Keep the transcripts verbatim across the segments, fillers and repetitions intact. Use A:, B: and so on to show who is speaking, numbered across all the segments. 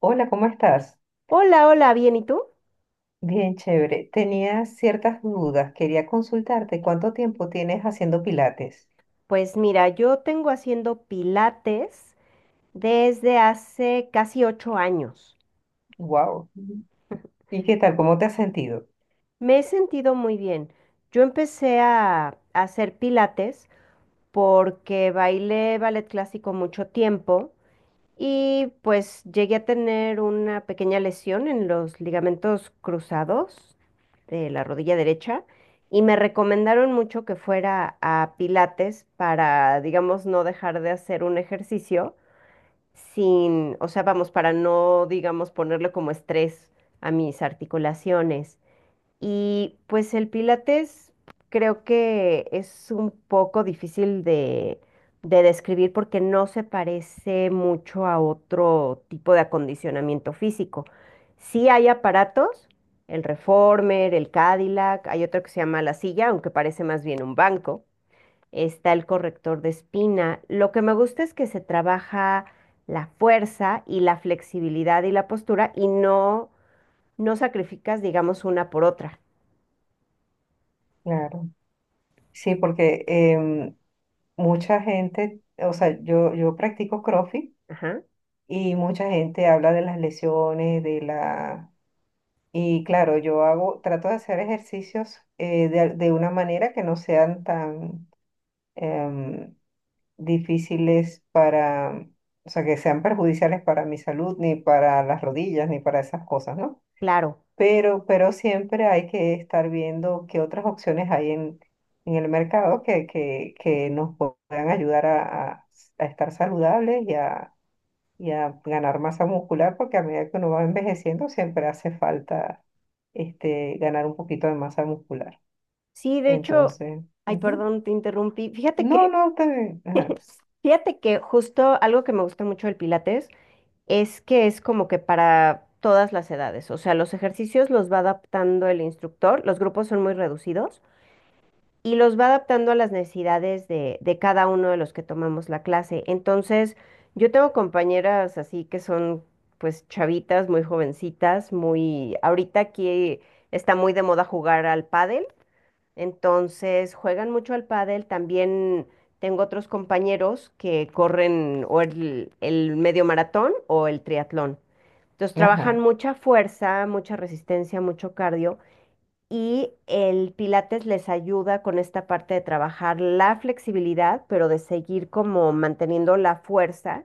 A: Hola, ¿cómo estás?
B: Hola, hola, bien, ¿y tú?
A: Bien, chévere. Tenía ciertas dudas. Quería consultarte cuánto tiempo tienes haciendo pilates.
B: Pues mira, yo tengo haciendo pilates desde hace casi ocho años.
A: Wow. ¿Y qué tal? ¿Cómo te has sentido?
B: Me he sentido muy bien. Yo empecé a, a hacer pilates porque bailé ballet clásico mucho tiempo y pues llegué a tener una pequeña lesión en los ligamentos cruzados de la rodilla derecha y me recomendaron mucho que fuera a pilates para, digamos, no dejar de hacer un ejercicio sin, o sea, vamos, para no, digamos, ponerle como estrés a mis articulaciones. Y pues el Pilates creo que es un poco difícil de, de describir porque no se parece mucho a otro tipo de acondicionamiento físico. Sí hay aparatos, el Reformer, el Cadillac, hay otro que se llama la silla, aunque parece más bien un banco, está el corrector de espina. Lo que me gusta es que se trabaja la fuerza y la flexibilidad y la postura y no, no sacrificas, digamos, una por otra.
A: Claro. Sí, porque em, mucha gente, o sea, yo, yo practico CrossFit
B: Ajá,
A: y mucha gente habla de las lesiones, de la... Y claro, yo hago, trato de hacer ejercicios eh, de, de una manera que no sean tan... em, difíciles para, o sea, que sean perjudiciales para mi salud, ni para las rodillas, ni para esas cosas, ¿no?
B: claro.
A: Pero, pero siempre hay que estar viendo qué otras opciones hay en, en el mercado que, que, que nos puedan ayudar a, a- a estar saludables y a, y a ganar masa muscular, porque a medida que uno va envejeciendo siempre hace falta este, ganar un poquito de masa muscular.
B: Sí, de hecho,
A: Entonces,
B: ay,
A: ujú.
B: perdón, te interrumpí. Fíjate
A: No,
B: que,
A: no, está bien. Ajá,
B: fíjate que justo algo que me gusta mucho del Pilates es que es como que para todas las edades. O sea, los ejercicios los va adaptando el instructor, los grupos son muy reducidos, y los va adaptando a las necesidades de, de cada uno de los que tomamos la clase. Entonces, yo tengo compañeras así que son pues chavitas, muy jovencitas, muy... Ahorita aquí está muy de moda jugar al pádel, entonces juegan mucho al pádel. También tengo otros compañeros que corren o el, el medio maratón o el triatlón. Entonces trabajan
A: ajá,
B: mucha fuerza, mucha resistencia, mucho cardio y el Pilates les ayuda con esta parte de trabajar la flexibilidad, pero de seguir como manteniendo la fuerza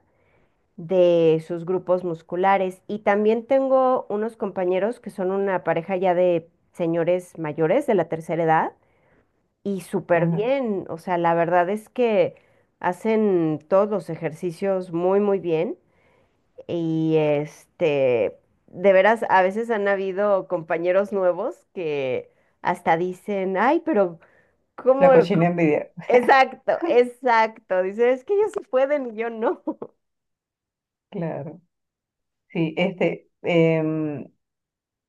B: de sus grupos musculares. Y también tengo unos compañeros que son una pareja ya de señores mayores de la tercera edad y súper
A: ajá.
B: bien. O sea, la verdad es que hacen todos los ejercicios muy, muy bien. Y este, de veras, a veces han habido compañeros nuevos que hasta dicen, ay, pero ¿cómo?
A: La cochina envidia,
B: Exacto, exacto. Dicen, es que ellos sí pueden y yo no.
A: claro. Sí, este, em,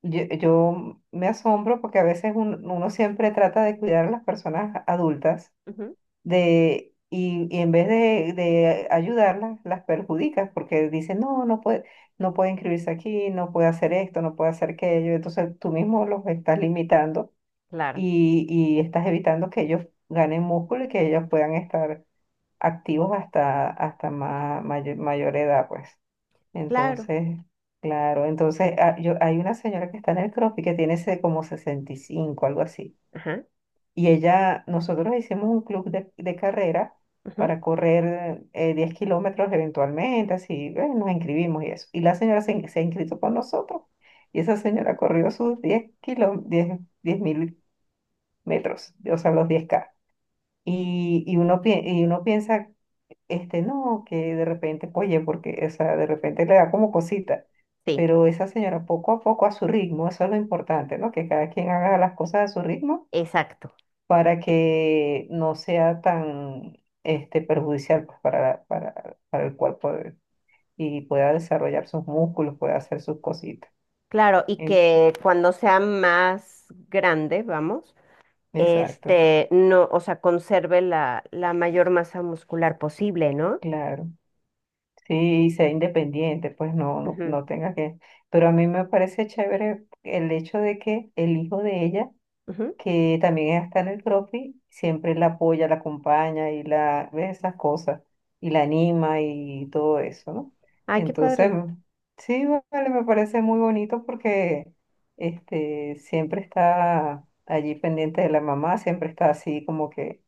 A: yo, yo me asombro porque a veces un- uno siempre trata de cuidar a las personas adultas
B: Ujú,
A: de, y, y en vez de, de ayudarlas, las perjudicas porque dicen, no, no puede, no puede inscribirse aquí, no puede hacer esto, no puede hacer aquello. Entonces tú mismo los estás limitando
B: claro,
A: y, y estás evitando que ellos ganen músculo y que ellos puedan estar activos hasta, hasta ma- mayor mayor edad, pues.
B: claro.
A: Entonces, claro, entonces ah, yo, hay una señora que está en el CrossFit que tiene ese como sesenta y cinco algo así.
B: Ajá,
A: Y ella, nosotros hicimos un club de, de carrera
B: ujú,
A: para correr eh, diez kilómetros eventualmente, así, eh, nos inscribimos y eso. Y la señora se, in- se ha inscrito con nosotros y esa señora corrió sus diez kilo, diez mil metros, o sea, los diez k. Y, y, uno, pi- y uno piensa este, no, que de repente, oye, porque, o sea, de repente le da como cosita,
B: sí,
A: pero esa señora poco a poco a su ritmo, eso es lo importante, ¿no? Que cada quien haga las cosas a su ritmo
B: exacto.
A: para que no sea tan, este, perjudicial pues, para, para, para el cuerpo de- y pueda desarrollar sus músculos, pueda hacer sus cositas.
B: Claro, y
A: En-
B: que cuando sea más grande, vamos,
A: exacto,
B: este, no, o sea, conserve la, la mayor masa muscular posible, ¿no?
A: claro. Sí, y sea independiente, pues no, no,
B: Ujú,
A: no tenga que... Pero a mí me parece chévere el hecho de que el hijo de ella
B: ujú.
A: que también está en el CrossFit, siempre la apoya, la acompaña y la ve esas cosas y la anima y todo eso, ¿no?
B: Ay, qué
A: Entonces,
B: padre.
A: mm, sí, vale, me parece muy bonito porque este siempre está allí pendiente de la mamá, siempre está así como que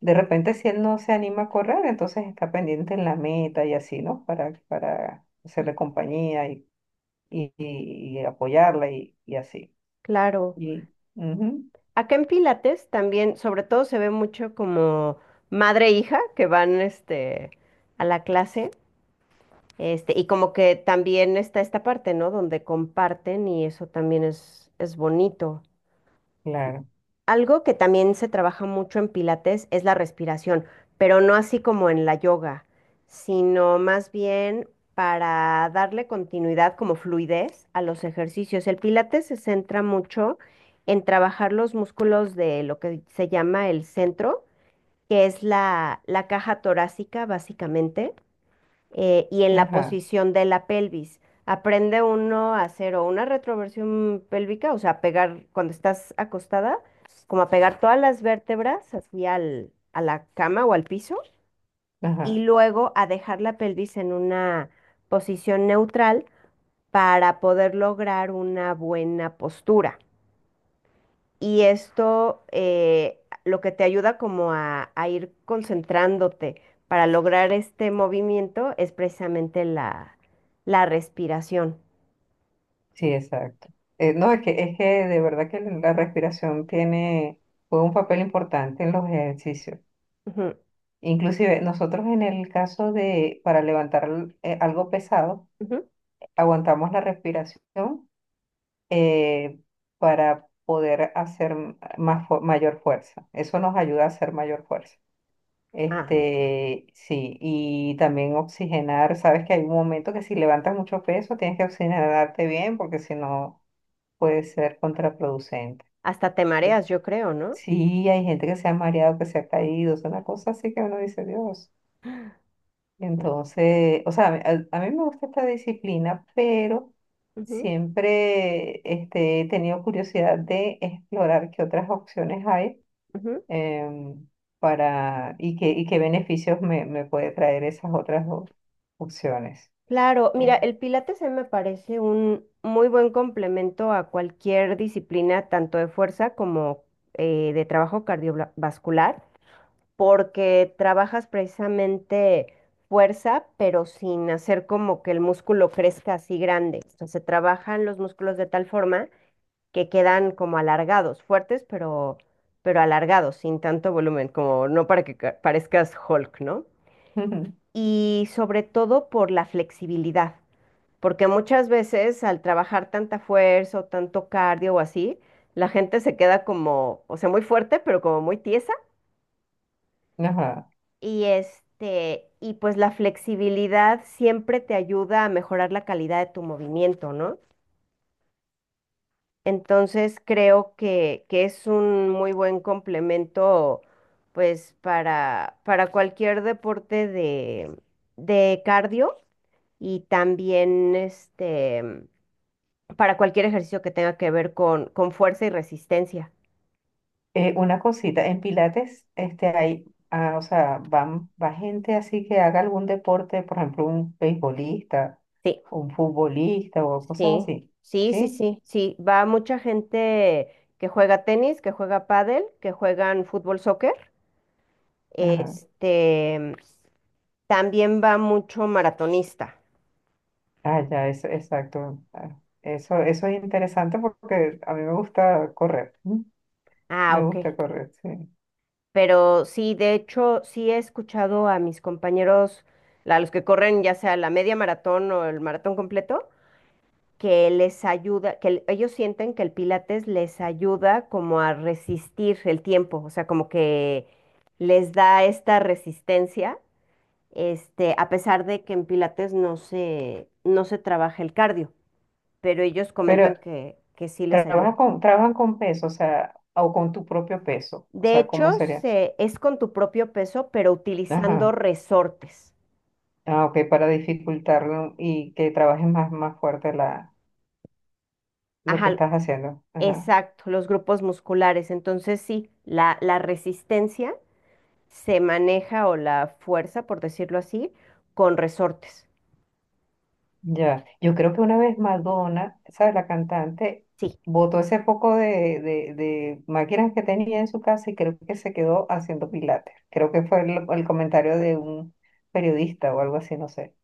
A: de repente si él no se anima a correr, entonces está pendiente en la meta y así, ¿no? Para para hacerle compañía y y, y apoyarla y, y así.
B: Claro.
A: Y ujú,
B: Acá en Pilates también, sobre todo, se ve mucho como madre e hija que van este, a la clase. Este, y como que también está esta parte, ¿no? Donde comparten y eso también es, es bonito.
A: claro.
B: Algo que también se trabaja mucho en Pilates es la respiración, pero no así como en la yoga, sino más bien para darle continuidad como fluidez a los ejercicios. El Pilates se centra mucho en trabajar los músculos de lo que se llama el centro, que es la, la caja torácica básicamente eh, y en la
A: Ajá.
B: posición de la pelvis. Aprende uno a hacer o una retroversión pélvica, o sea, a pegar cuando estás acostada, como a pegar todas las vértebras así al, a la cama o al piso, y
A: Ajá,
B: luego a dejar la pelvis en una posición neutral para poder lograr una buena postura. Y esto eh, lo que te ayuda como a, a ir concentrándote para lograr este movimiento es precisamente la, la respiración.
A: sí, exacto. Eh, no, es que, es que de verdad que la respiración tiene, juega un papel importante en los ejercicios.
B: Ujú,
A: Inclusive nosotros en el caso de, para levantar eh, algo pesado,
B: ujú.
A: aguantamos la respiración eh, para poder hacer m- más, fu- mayor fuerza. Eso nos ayuda a hacer mayor fuerza.
B: Ah,
A: Este, sí, y también oxigenar. Sabes que hay un momento que si levantas mucho peso, tienes que oxigenarte bien porque si no... puede ser contraproducente.
B: hasta te
A: Eh,
B: mareas, yo creo, ¿no?
A: Sí, hay gente que se ha mareado, que se ha caído, es una cosa así que uno dice, Dios. Entonces, o sea, a, a mí me gusta esta disciplina, pero
B: Ujú,
A: siempre este, he tenido curiosidad de explorar qué otras opciones hay
B: ujú.
A: em, para, y, qué, y qué beneficios me, me puede traer esas otras op- opciones.
B: Claro,
A: Eh.
B: mira, el Pilates a mí me parece un muy buen complemento a cualquier disciplina, tanto de fuerza como eh, de trabajo cardiovascular, porque trabajas precisamente fuerza, pero sin hacer como que el músculo crezca así grande. O sea, se trabajan los músculos de tal forma que quedan como alargados, fuertes, pero, pero alargados, sin tanto volumen, como no para que ca- parezcas Hulk, ¿no? Y sobre todo por la flexibilidad, porque muchas veces al trabajar tanta fuerza o tanto cardio o así, la gente se queda como, o sea, muy fuerte, pero como muy tiesa.
A: Ajá.
B: Y este, y pues la flexibilidad siempre te ayuda a mejorar la calidad de tu movimiento, ¿no? Entonces creo que, que es un muy buen complemento, pues, para, para cualquier deporte de, de cardio y también este para cualquier ejercicio que tenga que ver con, con fuerza y resistencia.
A: Eh, una cosita, en Pilates, este, hay, ah, o sea, van, va gente así que haga algún deporte, por ejemplo, un beisbolista,
B: Sí.
A: un futbolista o cosas
B: Sí,
A: así,
B: sí, sí,
A: ¿sí?
B: sí, sí. Va mucha gente que juega tenis, que juega pádel, que juegan fútbol, soccer.
A: Ajá.
B: Este, también va mucho maratonista.
A: Ah, ya, eso, exacto. Ah, Eso, eso es interesante porque a mí me gusta correr, ¿m?
B: Ah,
A: Me
B: ok.
A: gusta correr, sí.
B: Pero sí, de hecho, sí he escuchado a mis compañeros, a los que corren ya sea la media maratón o el maratón completo, que les ayuda, que el- ellos sienten que el Pilates les ayuda como a resistir el tiempo, o sea, como que les da esta resistencia este, a pesar de que en Pilates no se, no se trabaja el cardio, pero ellos comentan
A: Pero
B: que, que sí les ayuda.
A: trabaja con, trabajan con peso, o sea, o con tu propio peso, o
B: De
A: sea,
B: hecho,
A: ¿cómo sería?
B: se, es con tu propio peso, pero utilizando
A: Ajá.
B: resortes.
A: Ah, ok, para dificultarlo y que trabajes más, más fuerte la lo que
B: Ajá,
A: estás haciendo. Ajá.
B: exacto, los grupos musculares. Entonces sí, la, la resistencia se maneja o la fuerza, por decirlo así, con resortes.
A: Ya. Yo creo que una vez Madonna, ¿sabes? La cantante
B: Sí,
A: botó ese poco de, de, de máquinas que tenía en su casa y creo que se quedó haciendo pilates. Creo que fue el, el comentario de un periodista o algo así, no sé.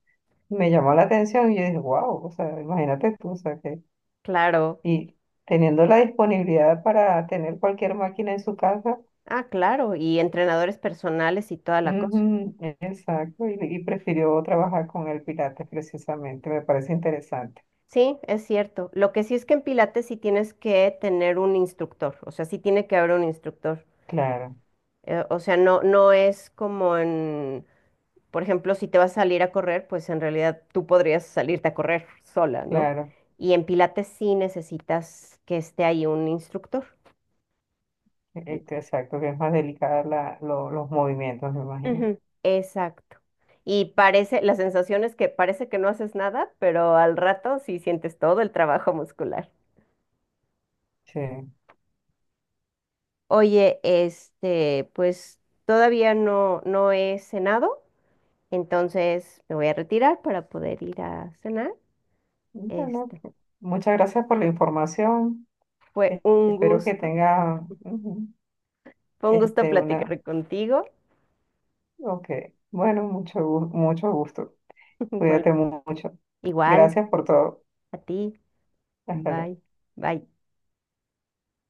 A: Me llamó la atención y yo dije, wow, o sea, imagínate tú, o sea, que...
B: claro.
A: Y teniendo la disponibilidad para tener cualquier máquina en su casa,
B: Ah, claro. Y entrenadores personales y toda la cosa.
A: ujú, exacto, y, y prefirió trabajar con el pilates precisamente, me parece interesante.
B: Sí, es cierto. Lo que sí es que en Pilates sí tienes que tener un instructor, o sea, sí tiene que haber un instructor.
A: Claro.
B: Eh, o sea, no, no es como en, por ejemplo, si te vas a salir a correr, pues en realidad tú podrías salirte a correr sola, ¿no?
A: Claro,
B: Y en Pilates sí necesitas que esté ahí un instructor.
A: e- e- exacto, que es más delicada la, lo- los movimientos, me imagino.
B: Ujú, exacto. Y parece, la sensación es que parece que no haces nada, pero al rato sí sientes todo el trabajo muscular.
A: Sí.
B: Oye, este, pues todavía no, no he cenado, entonces me voy a retirar para poder ir a cenar.
A: Bueno,
B: Este,
A: muchas gracias por la información.
B: fue
A: E-
B: un
A: Espero que
B: gusto,
A: tenga ujú,
B: fue un gusto
A: este una.
B: platicar contigo.
A: Ok. Bueno, mucho, gu- mucho gusto.
B: Igual,
A: Cuídate mu- mucho.
B: igual
A: Gracias por todo.
B: a ti.
A: Hasta luego.
B: Bye, bye.